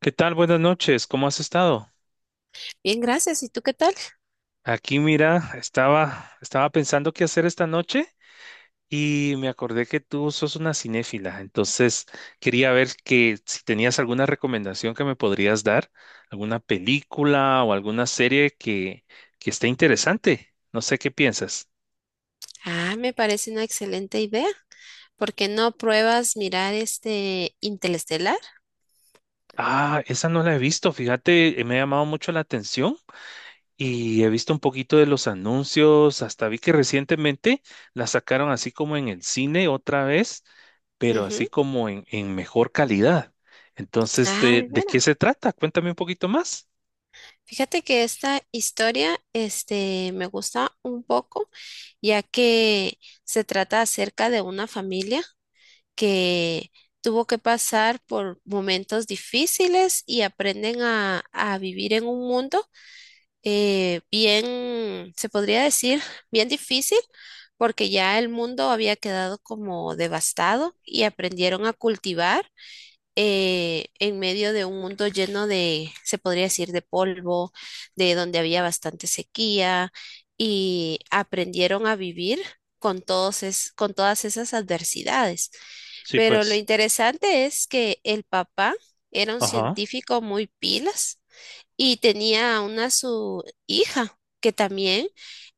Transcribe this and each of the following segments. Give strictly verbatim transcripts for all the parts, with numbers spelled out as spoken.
¿Qué tal? Buenas noches. ¿Cómo has estado? Bien, gracias. ¿Y tú qué tal? Aquí, mira, estaba, estaba pensando qué hacer esta noche y me acordé que tú sos una cinéfila. Entonces, quería ver que si tenías alguna recomendación que me podrías dar, alguna película o alguna serie que, que esté interesante. No sé qué piensas. Ah, me parece una excelente idea. ¿Por qué no pruebas mirar este Interestelar? Ah, esa no la he visto. Fíjate, eh, me ha llamado mucho la atención. Y he visto un poquito de los anuncios, hasta vi que recientemente la sacaron así como en el cine otra vez, pero así Ujú. como en, en mejor calidad. Entonces, Ah, ¿de, de de qué veras. se trata? Cuéntame un poquito más. Fíjate que esta historia, este, me gusta un poco, ya que se trata acerca de una familia que tuvo que pasar por momentos difíciles y aprenden a, a vivir en un mundo eh, bien, se podría decir, bien difícil, porque ya el mundo había quedado como devastado y aprendieron a cultivar eh, en medio de un mundo lleno de, se podría decir, de polvo, de donde había bastante sequía y aprendieron a vivir con todos es- con todas esas adversidades. Sí, Pero lo pues. interesante es que el papá era un Ajá. científico muy pilas y tenía una su hija que también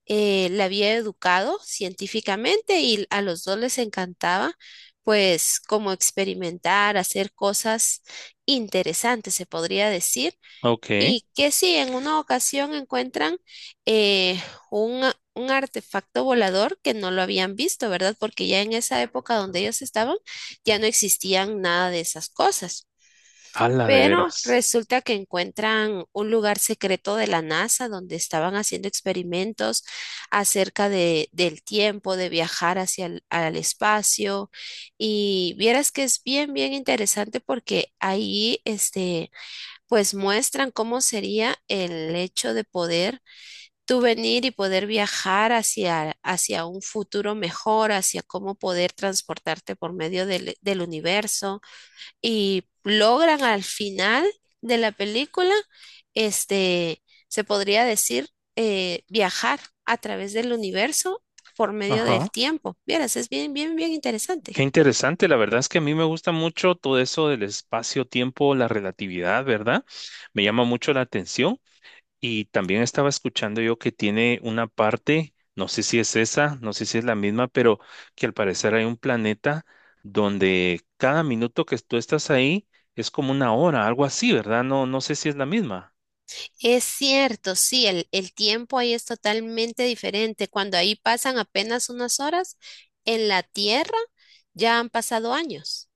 eh, la había educado científicamente y a los dos les encantaba pues como experimentar, hacer cosas interesantes, se podría decir. Ok. Y que si en una ocasión encuentran eh, un, un artefacto volador que no lo habían visto, ¿verdad? Porque ya en esa época donde ellos estaban ya no existían nada de esas cosas. Ala, de Pero veras. resulta que encuentran un lugar secreto de la NASA donde estaban haciendo experimentos acerca de, del tiempo, de viajar hacia el al espacio. Y vieras que es bien, bien interesante porque ahí, este, pues muestran cómo sería el hecho de poder tú venir y poder viajar hacia, hacia un futuro mejor, hacia cómo poder transportarte por medio del del universo y logran al final de la película, este, se podría decir, eh, viajar a través del universo por medio Ajá. del tiempo. Vieras, es bien, bien, bien Qué interesante. interesante. La verdad es que a mí me gusta mucho todo eso del espacio-tiempo, la relatividad, ¿verdad? Me llama mucho la atención. Y también estaba escuchando yo que tiene una parte, no sé si es esa, no sé si es la misma, pero que al parecer hay un planeta donde cada minuto que tú estás ahí es como una hora, algo así, ¿verdad? No, no sé si es la misma. Es cierto, sí, el, el tiempo ahí es totalmente diferente. Cuando ahí pasan apenas unas horas, en la Tierra ya han pasado años.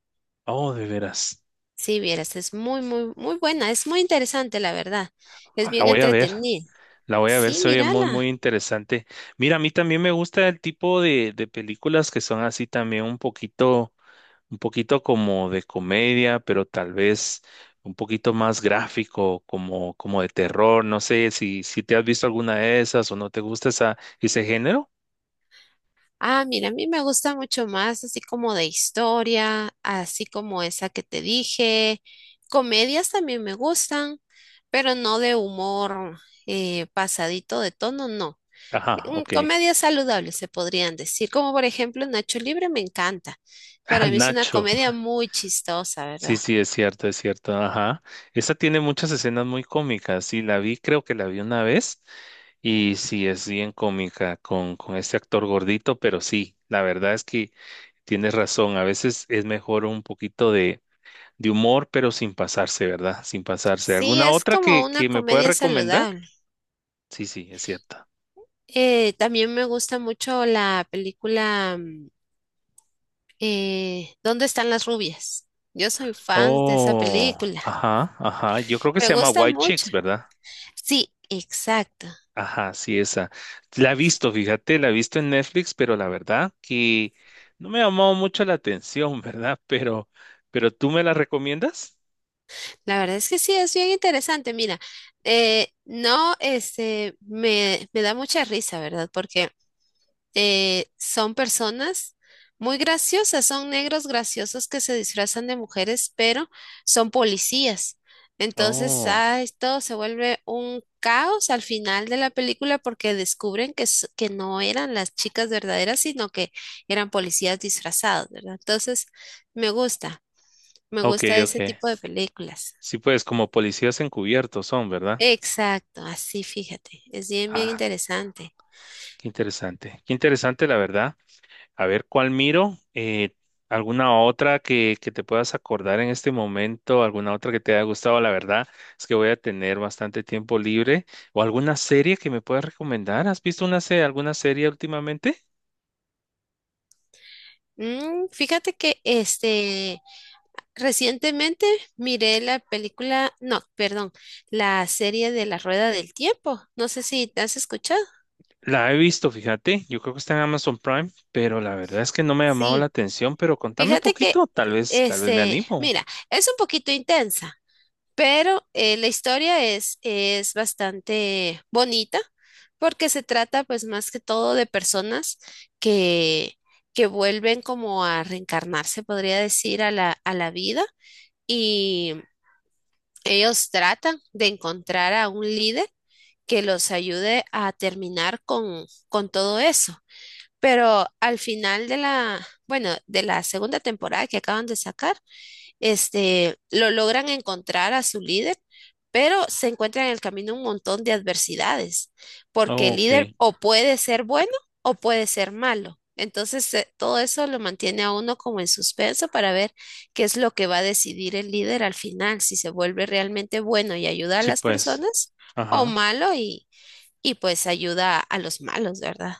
Oh, de veras. Sí, vieras, es muy, muy, muy buena, es muy interesante, la verdad. Es Ah, la bien voy a ver, entretenida. la voy a ver, Sí, se oye muy, muy mírala. interesante. Mira, a mí también me gusta el tipo de, de películas que son así también un poquito un poquito como de comedia, pero tal vez un poquito más gráfico, como, como de terror. No sé si, si te has visto alguna de esas o no te gusta esa, ese género. Ah, mira, a mí me gusta mucho más así como de historia, así como esa que te dije. Comedias también me gustan, pero no de humor eh, pasadito de tono, no. Ajá, Mm, ok. Comedias saludables se podrían decir, como por ejemplo Nacho Libre me encanta. Ah, Para mí es una Nacho. comedia muy chistosa, Sí, ¿verdad? sí, es cierto, es cierto. Ajá. Esa tiene muchas escenas muy cómicas. Sí, la vi, creo que la vi una vez. Y sí, es bien cómica con, con este actor gordito, pero sí, la verdad es que tienes razón. A veces es mejor un poquito de de humor, pero sin pasarse, ¿verdad? Sin pasarse. Sí, ¿Alguna es otra que, como una que me puedas comedia recomendar? saludable. Sí, sí, es cierta. Eh, también me gusta mucho la película mm, eh, ¿dónde están las rubias? Yo soy fan de esa Oh, película. ajá, ajá. Yo creo que Me se llama gusta White Chicks, mucho. ¿verdad? Sí, exacto. Ajá, sí, esa. La he visto, fíjate, la he visto en Netflix, pero la verdad que no me ha llamado mucho la atención, ¿verdad? Pero, pero ¿tú me la recomiendas? La verdad es que sí, es bien interesante. Mira, eh, no, este, me, me da mucha risa, ¿verdad? Porque eh, son personas muy graciosas, son negros graciosos que se disfrazan de mujeres, pero son policías. Entonces, Oh, ay, todo se vuelve un caos al final de la película porque descubren que, s- que no eran las chicas verdaderas, sino que eran policías disfrazados, ¿verdad? Entonces, me gusta, me ok, gusta ok. ese tipo de películas. Sí, pues como policías encubiertos son, ¿verdad? Exacto, así fíjate, es bien, bien Ah, interesante. qué interesante. Qué interesante, la verdad. A ver, ¿cuál miro? Eh, ¿alguna otra que, que te puedas acordar en este momento? ¿Alguna otra que te haya gustado? La verdad es que voy a tener bastante tiempo libre. ¿O alguna serie que me puedas recomendar? ¿Has visto una serie, alguna serie últimamente? Mm, fíjate que este recientemente miré la película, no, perdón, la serie de La Rueda del Tiempo. No sé si te has escuchado. La he visto, fíjate. Yo creo que está en Amazon Prime, pero la verdad es que no me ha llamado la Sí, atención. Pero contame un fíjate que, poquito, tal eh, vez, tal vez me este, animo. mira, es un poquito intensa, pero eh, la historia es, es bastante bonita porque se trata pues más que todo de personas que, que vuelven como a reencarnarse, podría decir, a la, a la vida y ellos tratan de encontrar a un líder que los ayude a terminar con, con todo eso. Pero al final de la, bueno, de la segunda temporada que acaban de sacar, este, lo logran encontrar a su líder, pero se encuentran en el camino un montón de adversidades, porque Oh, el líder ok. o puede ser bueno o puede ser malo. Entonces, eh, todo eso lo mantiene a uno como en suspenso para ver qué es lo que va a decidir el líder al final, si se vuelve realmente bueno y ayuda a Sí, las pues. personas o Ajá. malo y, y pues ayuda a los malos, ¿verdad?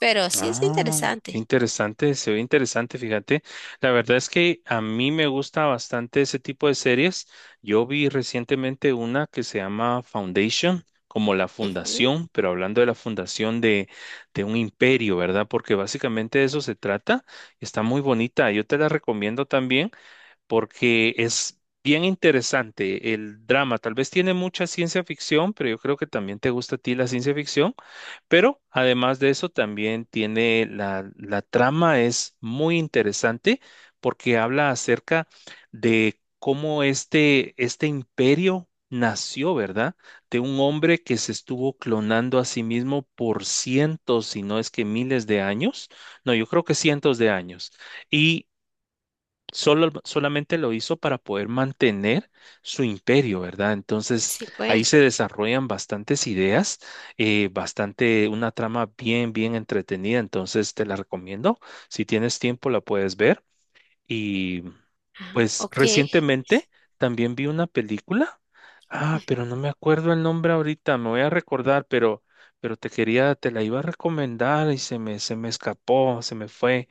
Pero sí es Ah, qué interesante. interesante, se ve interesante, fíjate. La verdad es que a mí me gusta bastante ese tipo de series. Yo vi recientemente una que se llama Foundation, como la Ujú. fundación, pero hablando de la fundación de, de un imperio, ¿verdad? Porque básicamente de eso se trata. Está muy bonita, yo te la recomiendo también porque es bien interesante el drama. Tal vez tiene mucha ciencia ficción, pero yo creo que también te gusta a ti la ciencia ficción. Pero además de eso, también tiene la, la trama, es muy interesante porque habla acerca de cómo este, este imperio nació, ¿verdad? De un hombre que se estuvo clonando a sí mismo por cientos, si no es que miles de años. No, yo creo que cientos de años. Y solo, solamente lo hizo para poder mantener su imperio, ¿verdad? Entonces Sí, ahí pues. se desarrollan bastantes ideas, eh, bastante, una trama bien, bien entretenida, entonces te la recomiendo. Si tienes tiempo la puedes ver. Y Ah, pues ok. recientemente también vi una película, ah, pero no me acuerdo el nombre ahorita, me voy a recordar, pero... Pero te quería, te la iba a recomendar y se me, se me escapó, se me fue.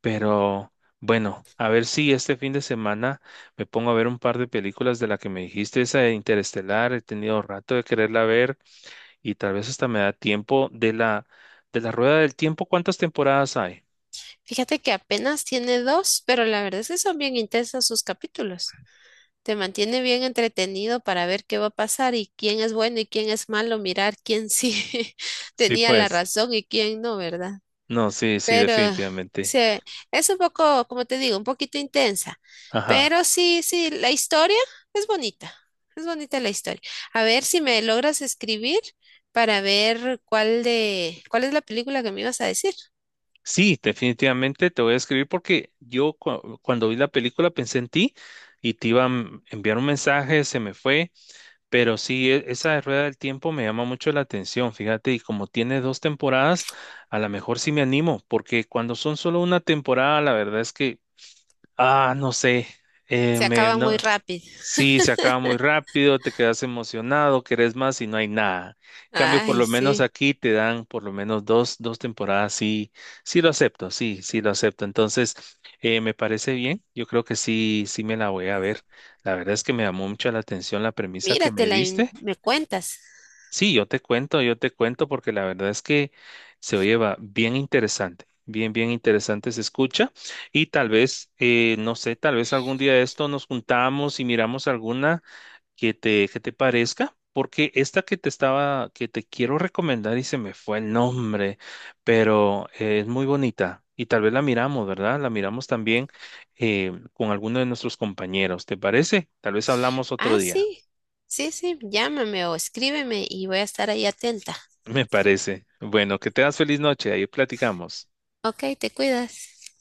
Pero bueno, a ver si este fin de semana me pongo a ver un par de películas de la que me dijiste, esa de Interestelar, he tenido rato de quererla ver y tal vez hasta me da tiempo de la de la Rueda del Tiempo, ¿cuántas temporadas hay? Fíjate que apenas tiene dos, pero la verdad es que son bien intensos sus capítulos. Te mantiene bien entretenido para ver qué va a pasar y quién es bueno y quién es malo, mirar quién sí Sí, tenía la pues. razón y quién no, ¿verdad? No, sí, sí, Pero definitivamente. sí, es un poco, como te digo, un poquito intensa. Ajá. Pero sí, sí, la historia es bonita. Es bonita la historia. A ver si me logras escribir para ver cuál de, cuál es la película que me ibas a decir. Sí, definitivamente te voy a escribir porque yo cu- cuando vi la película pensé en ti y te iba a m- enviar un mensaje, se me fue. Pero sí, e- esa de Rueda del Tiempo me llama mucho la atención, fíjate, y como tiene dos temporadas, a lo mejor sí me animo, porque cuando son solo una temporada, la verdad es que ah, no sé. Eh, Se me, acaba muy No. rápido. Sí, se acaba muy rápido, te quedas emocionado, querés más y no hay nada. En cambio, por Ay, lo menos sí. aquí te dan por lo menos dos, dos temporadas. Sí, sí lo acepto, sí, sí lo acepto. Entonces, eh, me parece bien. Yo creo que sí, sí me la voy a ver. La verdad es que me llamó mucho la atención la premisa que me Míratela y diste. me cuentas. Sí, yo te cuento, yo te cuento porque la verdad es que se oye va bien interesante, bien, bien interesante se escucha y tal vez, eh, no sé, tal vez algún día de esto nos juntamos y miramos alguna que te, que te parezca, porque esta que te estaba, que te quiero recomendar y se me fue el nombre, pero eh, es muy bonita y tal vez la miramos, ¿verdad? La miramos también eh, con alguno de nuestros compañeros, ¿te parece? Tal vez hablamos otro Ah, día. sí. Sí, sí. Llámame o escríbeme y voy a estar ahí atenta. Me parece. Bueno, que tengas feliz noche. Ahí platicamos. Ok, te cuidas.